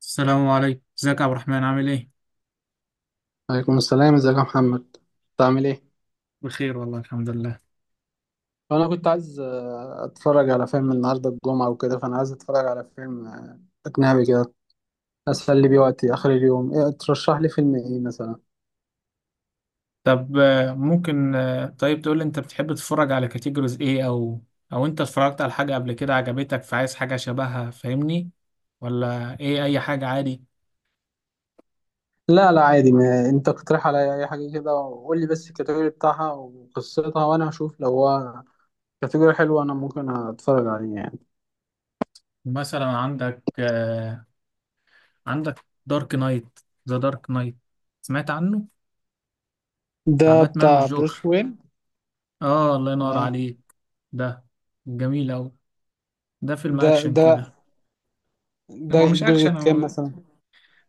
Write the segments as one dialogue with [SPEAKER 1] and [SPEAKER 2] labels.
[SPEAKER 1] السلام عليكم، ازيك يا عبد الرحمن؟ عامل ايه؟
[SPEAKER 2] عليكم السلام، ازيك يا محمد؟ انت عامل ايه؟
[SPEAKER 1] بخير والله، الحمد لله.
[SPEAKER 2] انا كنت عايز اتفرج على فيلم النهارده الجمعه وكده، فانا عايز اتفرج على فيلم اجنبي كده اسلي بيه وقتي اخر اليوم. إيه ترشح لي فيلم ايه مثلا؟
[SPEAKER 1] طب ممكن طيب تقول لي، انت بتحب تتفرج على كاتيجوريز ايه، او انت اتفرجت على حاجة قبل كده عجبتك فعايز حاجة شبهها؟ فاهمني ولا ايه، اي حاجة عادي.
[SPEAKER 2] لا لا، عادي، ما انت اقترح عليا اي حاجه كده وقول لي بس الكاتيجوري بتاعها وقصتها، وانا هشوف لو هو كاتيجوري حلو انا ممكن اتفرج عليه يعني.
[SPEAKER 1] مثلا عندك دارك نايت، ذا دارك نايت، سمعت عنه؟ بتاع
[SPEAKER 2] ده
[SPEAKER 1] باتمان
[SPEAKER 2] بتاع بروس
[SPEAKER 1] والجوكر.
[SPEAKER 2] وين؟
[SPEAKER 1] اه، الله ينور
[SPEAKER 2] اه.
[SPEAKER 1] عليك. ده جميل اوي. ده فيلم
[SPEAKER 2] ده
[SPEAKER 1] اكشن
[SPEAKER 2] ده
[SPEAKER 1] كده.
[SPEAKER 2] ده
[SPEAKER 1] هو مش
[SPEAKER 2] الجزء
[SPEAKER 1] اكشن.
[SPEAKER 2] الكام مثلا؟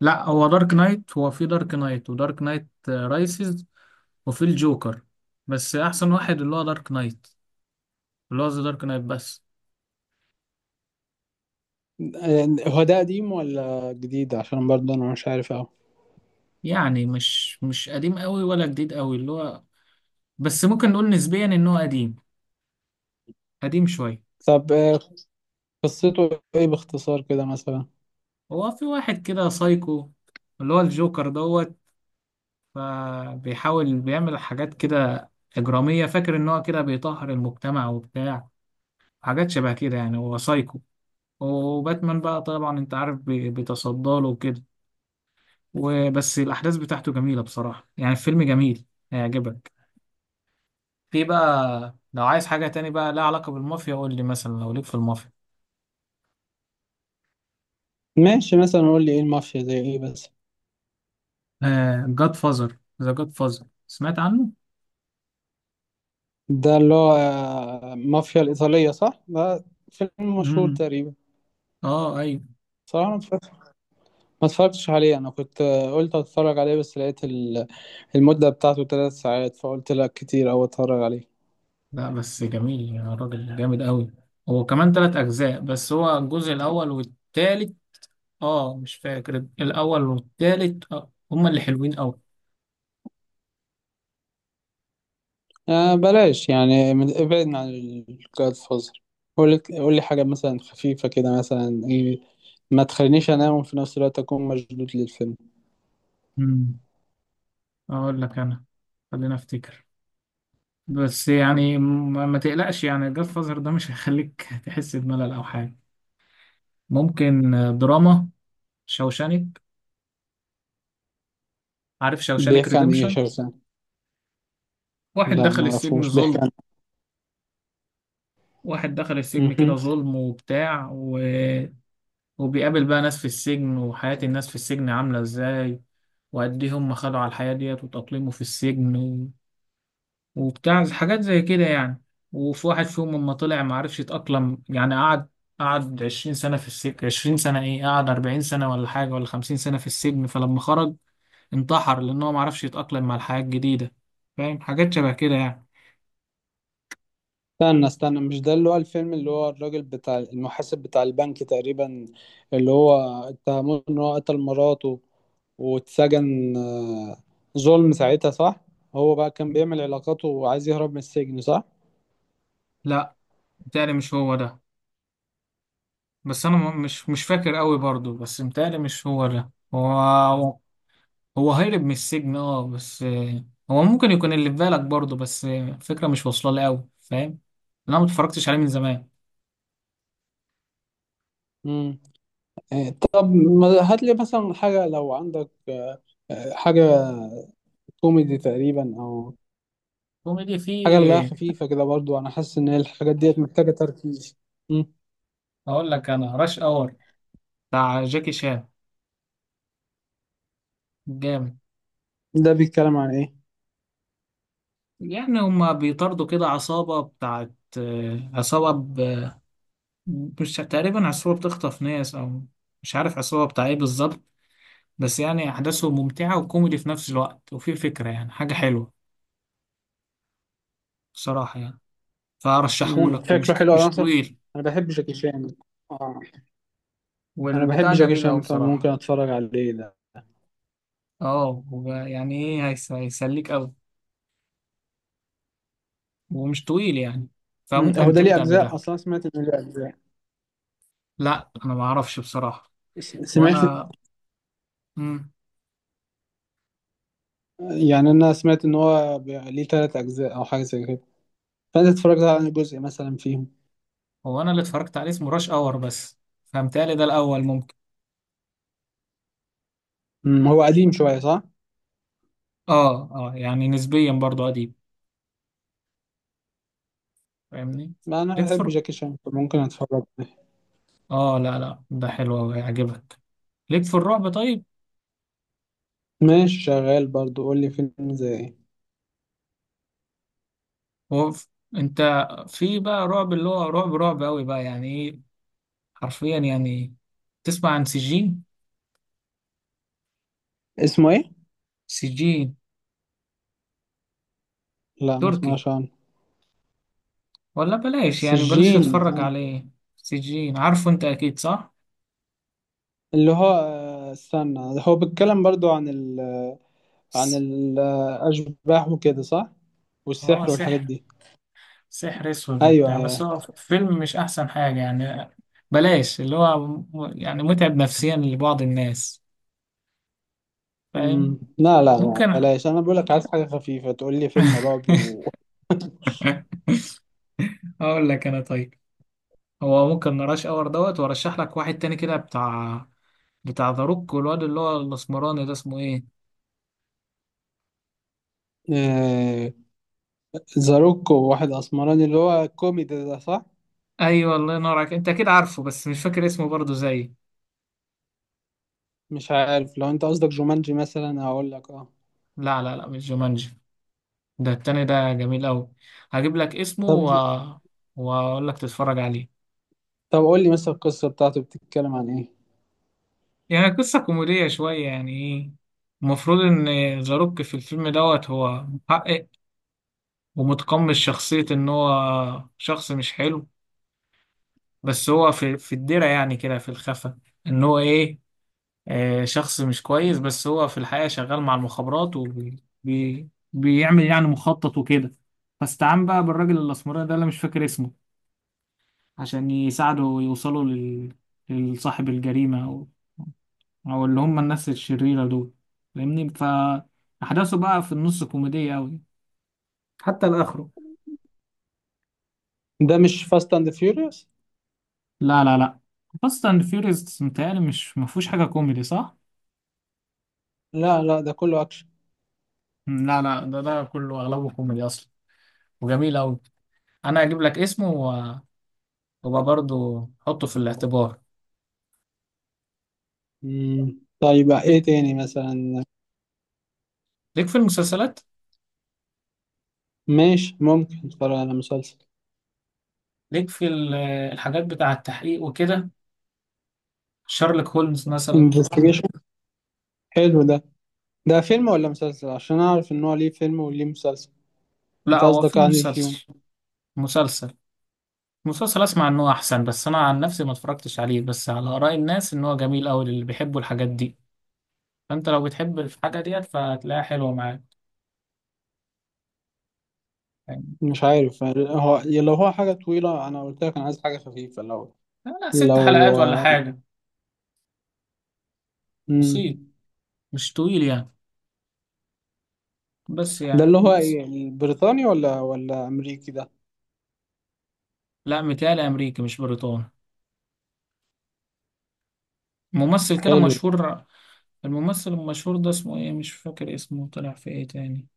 [SPEAKER 1] لا، هو دارك نايت، هو في دارك نايت ودارك نايت رايسز، وفي الجوكر. بس احسن واحد اللي هو دارك نايت، اللي هو ذا دارك نايت بس.
[SPEAKER 2] آه، هو ده قديم ولا جديد؟ عشان برضه انا مش عارف أوي.
[SPEAKER 1] يعني مش قديم قوي ولا جديد قوي، اللي هو بس ممكن نقول نسبيا ان هو قديم. قديم شويه.
[SPEAKER 2] طب، قصته ايه باختصار كده مثلا؟
[SPEAKER 1] هو في واحد كده سايكو، اللي هو الجوكر دوت. فبيحاول بيعمل حاجات كده إجرامية، فاكر إن هو كده بيطهر المجتمع وبتاع حاجات شبه كده، يعني هو سايكو. وباتمان بقى طبعا أنت عارف، بيتصدى له وكده. وبس الأحداث بتاعته جميلة بصراحة، يعني الفيلم جميل، هيعجبك. في بقى لو عايز حاجة تاني بقى لها علاقة بالمافيا قول لي، مثلا لو ليك في المافيا،
[SPEAKER 2] ماشي، مثلا قول لي ايه المافيا زي ايه بس؟
[SPEAKER 1] آه، جاد فازر، ذا جاد فازر، سمعت عنه؟
[SPEAKER 2] ده اللي هو مافيا الإيطالية صح؟ ده فيلم
[SPEAKER 1] امم.
[SPEAKER 2] مشهور تقريبا.
[SPEAKER 1] اه ايوه.
[SPEAKER 2] صراحة ما اتفرجتش عليه. انا كنت قلت اتفرج عليه بس لقيت المدة بتاعته 3 ساعات، فقلت لا كتير او اتفرج عليه.
[SPEAKER 1] لا بس جميل يا راجل، جامد قوي. هو كمان تلات أجزاء، بس هو الجزء الأول والتالت. اه، مش فاكر، الأول والتالت هما اللي حلوين قوي.
[SPEAKER 2] بلاش يعني، ابعدنا عن الجاد فوزر. قول لي حاجة مثلا خفيفة كده، مثلا ايه ما تخلينيش انام وفي نفس الوقت اكون مشدود للفيلم.
[SPEAKER 1] امم أقول لك أنا، خلينا أفتكر. بس يعني ما تقلقش، يعني جاد فازر ده مش هيخليك تحس بملل او حاجه. ممكن دراما. شوشانك، عارف شوشانك
[SPEAKER 2] بيحكي عن ايه؟
[SPEAKER 1] ريديمشن؟
[SPEAKER 2] شخص؟
[SPEAKER 1] واحد
[SPEAKER 2] لا
[SPEAKER 1] دخل
[SPEAKER 2] ما
[SPEAKER 1] السجن
[SPEAKER 2] اعرفوش. بيحكي
[SPEAKER 1] ظلم.
[SPEAKER 2] عن...
[SPEAKER 1] واحد دخل السجن كده
[SPEAKER 2] مهم.
[SPEAKER 1] ظلم وبتاع وبيقابل بقى ناس في السجن، وحياة الناس في السجن عاملة ازاي، وقد ايه هم خدوا على الحياة ديت وتأقلموا في السجن، وبتاع حاجات زي كده يعني. وفي واحد فيهم لما طلع ما عرفش يتأقلم، يعني قعد 20 سنة في السجن، 20 سنة، ايه قعد 40 سنة ولا حاجة، ولا 50 سنة في السجن، فلما خرج انتحر لأن هو ما عرفش يتأقلم مع الحياة الجديدة. فاهم، حاجات شبه كده يعني.
[SPEAKER 2] استنى استنى، مش ده اللي هو الفيلم اللي هو الراجل بتاع المحاسب بتاع البنك تقريبا، اللي هو اتهموه ان هو قتل مراته واتسجن ظلم ساعتها صح؟ هو بقى كان بيعمل علاقاته وعايز يهرب من السجن صح؟
[SPEAKER 1] لا، متهيألي مش هو ده. بس أنا مش فاكر قوي برضو، بس متهيألي مش هو ده. هو هرب من السجن اه، بس هو ممكن يكون اللي في بالك برضو، بس الفكرة مش واصلة لي قوي، فاهم، لأن أنا ما اتفرجتش عليه من زمان.
[SPEAKER 2] مم. طب، هات لي مثلا حاجة لو عندك حاجة كوميدي تقريبا، او
[SPEAKER 1] كوميدي
[SPEAKER 2] حاجة اللي هي
[SPEAKER 1] فيه.
[SPEAKER 2] خفيفة كده برضو. انا حاسس ان الحاجات ديت محتاجة تركيز. مم.
[SPEAKER 1] اقول لك انا راش اور، بتاع جاكي شان، جامد.
[SPEAKER 2] ده بيتكلم عن ايه؟
[SPEAKER 1] يعني هما بيطاردوا كده عصابة بتاعت عصابة مش، تقريبا عصابة بتخطف ناس، او مش عارف عصابة بتاع ايه بالظبط. بس يعني احداثه ممتعة وكوميدي في نفس الوقت، وفي فكرة يعني حاجة حلوة بصراحة يعني.
[SPEAKER 2] مم،
[SPEAKER 1] فارشحهولك، ومش
[SPEAKER 2] شكله حلو على
[SPEAKER 1] مش
[SPEAKER 2] نصر.
[SPEAKER 1] طويل.
[SPEAKER 2] انا بحب جاكي شان. اه. انا بحب
[SPEAKER 1] والبتاع
[SPEAKER 2] جاكي
[SPEAKER 1] جميل اوي
[SPEAKER 2] شان
[SPEAKER 1] بصراحة.
[SPEAKER 2] فممكن اتفرج عليه ده.
[SPEAKER 1] اه يعني ايه، هيسليك اوي، ومش طويل يعني.
[SPEAKER 2] مم، هو
[SPEAKER 1] فممكن
[SPEAKER 2] ده ليه
[SPEAKER 1] تبدأ
[SPEAKER 2] اجزاء
[SPEAKER 1] بده.
[SPEAKER 2] اصلا؟ سمعت انه ليه اجزاء.
[SPEAKER 1] لا انا ما اعرفش بصراحة.
[SPEAKER 2] سمعت
[SPEAKER 1] وانا مم.
[SPEAKER 2] يعني انا سمعت ان هو ليه 3 اجزاء او حاجه زي كده، فانت اتفرجت على جزء مثلا فيهم؟
[SPEAKER 1] هو انا اللي اتفرجت عليه اسمه راش اور بس. فهمتهيألي ده الاول، ممكن.
[SPEAKER 2] مم، هو قديم شويه صح؟
[SPEAKER 1] اه اه، يعني نسبيا برضو قديم، فاهمني.
[SPEAKER 2] ما انا
[SPEAKER 1] ليك
[SPEAKER 2] بحب
[SPEAKER 1] فر
[SPEAKER 2] جاكي شان فممكن اتفرج عليه.
[SPEAKER 1] اه لا لا، ده حلو أوي، هيعجبك. ليك في الرعب طيب؟
[SPEAKER 2] ماشي شغال برضو، قول لي فيلم زي ايه؟
[SPEAKER 1] هو ف- انت، في بقى رعب اللي هو رعب رعب قوي بقى، يعني ايه، حرفيا يعني. تسمع عن سجين.
[SPEAKER 2] اسمه ايه؟
[SPEAKER 1] سجين
[SPEAKER 2] لا، ما
[SPEAKER 1] تركي،
[SPEAKER 2] اسمعش عنه.
[SPEAKER 1] ولا بلاش، يعني بلاش
[SPEAKER 2] سجين.
[SPEAKER 1] تتفرج
[SPEAKER 2] آه.
[SPEAKER 1] عليه. سجين، عارفه انت اكيد صح؟
[SPEAKER 2] اللي هو استنى، هو بيتكلم برضو عن
[SPEAKER 1] س-
[SPEAKER 2] الأشباح وكده صح؟
[SPEAKER 1] اه،
[SPEAKER 2] والسحر والحاجات
[SPEAKER 1] سحر،
[SPEAKER 2] دي.
[SPEAKER 1] سحر اسود
[SPEAKER 2] أيوه،
[SPEAKER 1] وبتاع، بس
[SPEAKER 2] أيوه.
[SPEAKER 1] هو فيلم مش احسن حاجة يعني. بلاش اللي هو يعني متعب نفسيا لبعض الناس، فاهم.
[SPEAKER 2] مم. لا، لا، لا،
[SPEAKER 1] ممكن.
[SPEAKER 2] بلاش، أنا بقولك عايز حاجة خفيفة تقول لي فيلم رعب و...
[SPEAKER 1] اقول لك انا، طيب. هو ممكن نراش اور دوت، وارشح لك واحد تاني كده بتاع، ذا روك والواد اللي هو الاسمراني ده اسمه ايه؟
[SPEAKER 2] آه، ذا روك وواحد أسمراني اللي هو الكوميدي ده صح؟
[SPEAKER 1] ايوه، الله ينور عليك، انت اكيد عارفه بس مش فاكر اسمه برضه زي.
[SPEAKER 2] مش عارف، لو أنت قصدك جومانجي مثلا هقول لك أه.
[SPEAKER 1] لا لا لا، مش جومانجي. ده التاني ده جميل قوي. هجيب لك اسمه
[SPEAKER 2] طب،
[SPEAKER 1] واقول لك تتفرج عليه.
[SPEAKER 2] طب، قول لي مثلا القصة بتاعته بتتكلم عن إيه؟
[SPEAKER 1] يعني قصة كوميدية شوية يعني ايه. المفروض ان زاروك في الفيلم دوت هو محقق ومتقمص شخصية ان هو شخص مش حلو، بس هو في الدرع يعني كده في الخفا، ان هو ايه شخص مش كويس، بس هو في الحقيقة شغال مع المخابرات وبيعمل يعني مخطط وكده. فاستعان بقى بالراجل الأسمراني ده اللي مش فاكر اسمه عشان يساعده يوصلوا لصاحب الجريمة، او اللي هم الناس الشريرة دول، فاهمني. فاحداثه بقى في النص كوميدية قوي حتى لاخره.
[SPEAKER 2] ده مش فاست أند فيوريوس؟
[SPEAKER 1] لا لا لا، فاست اند فيوريوس متهيألي مش، ما فيهوش حاجة كوميدي صح؟
[SPEAKER 2] لا، لا، ده كله أكشن.
[SPEAKER 1] لا لا، ده كله اغلبه كوميدي اصلا، وجميل قوي. انا هجيب لك اسمه وابقى برضه حطه في الاعتبار.
[SPEAKER 2] مم. طيب
[SPEAKER 1] ليك
[SPEAKER 2] إيه تاني مثلا؟
[SPEAKER 1] ليك في المسلسلات.
[SPEAKER 2] ماشي، ممكن أتفرج على مسلسل.
[SPEAKER 1] ليك في الحاجات بتاع التحقيق وكده، شارلوك هولمز مثلا.
[SPEAKER 2] انفستيجيشن. حلو ده فيلم ولا مسلسل، عشان اعرف ان هو ليه فيلم وليه مسلسل؟
[SPEAKER 1] لا،
[SPEAKER 2] انت
[SPEAKER 1] هو
[SPEAKER 2] قصدك
[SPEAKER 1] في
[SPEAKER 2] يعني فيهم؟
[SPEAKER 1] مسلسل مسلسل اسمع ان هو احسن، بس انا عن نفسي ما اتفرجتش عليه، بس على اراء الناس ان هو جميل قوي، اللي بيحبوا الحاجات دي. فانت لو بتحب الحاجه ديت فهتلاقيها حلوه معاك يعني.
[SPEAKER 2] مش عارف، هو لو هو حاجه طويله انا قلت لك انا عايز حاجه خفيفه. لو
[SPEAKER 1] لا لا، ست
[SPEAKER 2] لو
[SPEAKER 1] حلقات ولا حاجه. بسيط،
[SPEAKER 2] مم.
[SPEAKER 1] مش طويل يعني، بس
[SPEAKER 2] ده
[SPEAKER 1] يعني
[SPEAKER 2] اللي هو
[SPEAKER 1] بس.
[SPEAKER 2] ايه، البريطاني ولا امريكي ده؟
[SPEAKER 1] لا، متهيألي امريكي مش بريطاني. ممثل كده
[SPEAKER 2] حلو،
[SPEAKER 1] مشهور. الممثل المشهور ده اسمه ايه، مش فاكر اسمه طلع في ايه تاني.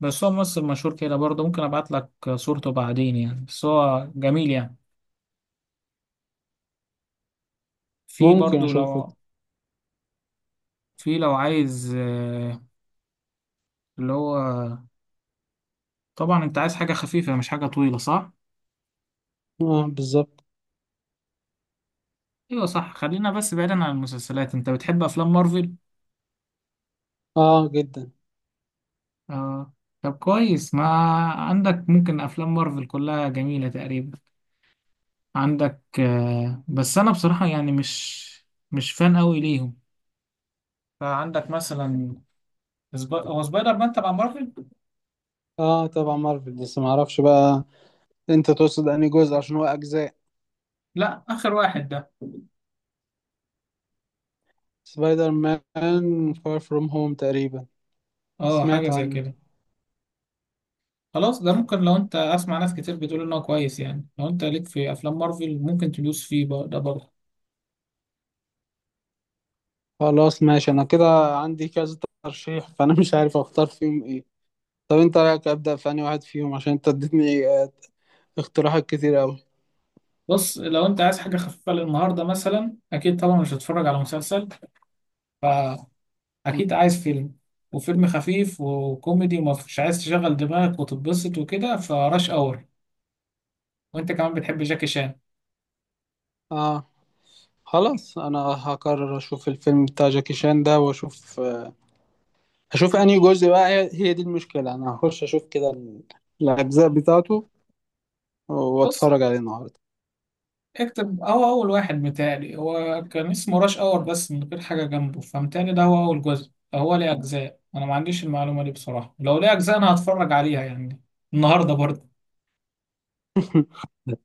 [SPEAKER 1] بس هو ممثل مشهور كده برضه، ممكن ابعت لك صورته بعدين يعني، بس هو جميل يعني. في
[SPEAKER 2] ممكن
[SPEAKER 1] برضه
[SPEAKER 2] اشوفه.
[SPEAKER 1] لو، لو عايز اللي هو، طبعا انت عايز حاجة خفيفة مش حاجة طويلة صح؟
[SPEAKER 2] اه، بالظبط.
[SPEAKER 1] ايوه صح. خلينا بس بعيدا عن المسلسلات، انت بتحب افلام مارفل؟
[SPEAKER 2] اه جدا.
[SPEAKER 1] آه. طب كويس، ما عندك، ممكن افلام مارفل كلها جميلة تقريبا. عندك بس انا بصراحة يعني مش فان قوي ليهم. فعندك مثلا، هو سبايدر مان تبع مارفل؟
[SPEAKER 2] اه طبعا مارفل، بس ما اعرفش بقى انت تقصد انهي جزء عشان هو اجزاء.
[SPEAKER 1] لا، اخر واحد ده.
[SPEAKER 2] سبايدر مان فار فروم هوم تقريبا.
[SPEAKER 1] اه، حاجة
[SPEAKER 2] سمعت
[SPEAKER 1] زي
[SPEAKER 2] عنه؟
[SPEAKER 1] كده. خلاص ده ممكن، لو انت اسمع ناس كتير بتقول انه كويس يعني، لو انت ليك في افلام مارفل ممكن تدوس فيه بقى ده برضه.
[SPEAKER 2] خلاص ماشي، انا كده عندي كذا ترشيح فانا مش عارف اختار فيهم ايه. طب انت رايك ابدا في انهي واحد فيهم، عشان انت اديتني اقتراحات كتير قوي.
[SPEAKER 1] بص، لو انت عايز حاجة خفيفة للنهاردة مثلا، اكيد طبعا مش هتتفرج على مسلسل، فاكيد عايز فيلم، وفيلم خفيف وكوميدي ومش عايز تشغل دماغك وتتبسط وكده، فراش اور. وانت كمان بتحب جاكي شان.
[SPEAKER 2] اه، خلاص. انا هقرر اشوف الفيلم بتاع جاكي شان ده، واشوف آه، هشوف انهي جزء بقى. هي هي دي المشكله. انا هخش اشوف كده الاجزاء بتاعته
[SPEAKER 1] بص،
[SPEAKER 2] واتفرج عليه النهارده.
[SPEAKER 1] اكتب. هو اول واحد متهيألي هو كان اسمه راش اور بس، من غير حاجة جنبه. فمتهيألي ده هو اول جزء. هو ليه اجزاء، انا ما عنديش المعلومة دي بصراحة. لو ليه اجزاء انا هتفرج عليها يعني النهاردة برضه.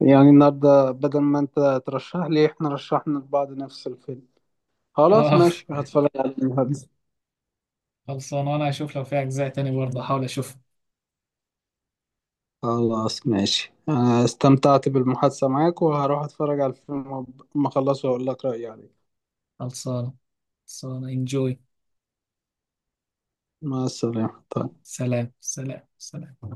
[SPEAKER 2] يعني النهارده بدل ما انت ترشح لي احنا رشحنا لبعض نفس الفيلم. خلاص
[SPEAKER 1] اه.
[SPEAKER 2] ماشي، هتفرج عليه النهارده.
[SPEAKER 1] خلصان. وانا هشوف لو في اجزاء تاني برضه احاول اشوف.
[SPEAKER 2] خلاص ماشي، أنا استمتعت بالمحادثة معاك وهروح أتفرج على الفيلم وأما أخلصه وأقول لك رأيي عليه.
[SPEAKER 1] خلصانة، خلصانة، انجوي.
[SPEAKER 2] مع السلامة. طيب.
[SPEAKER 1] سلام، سلام، سلام.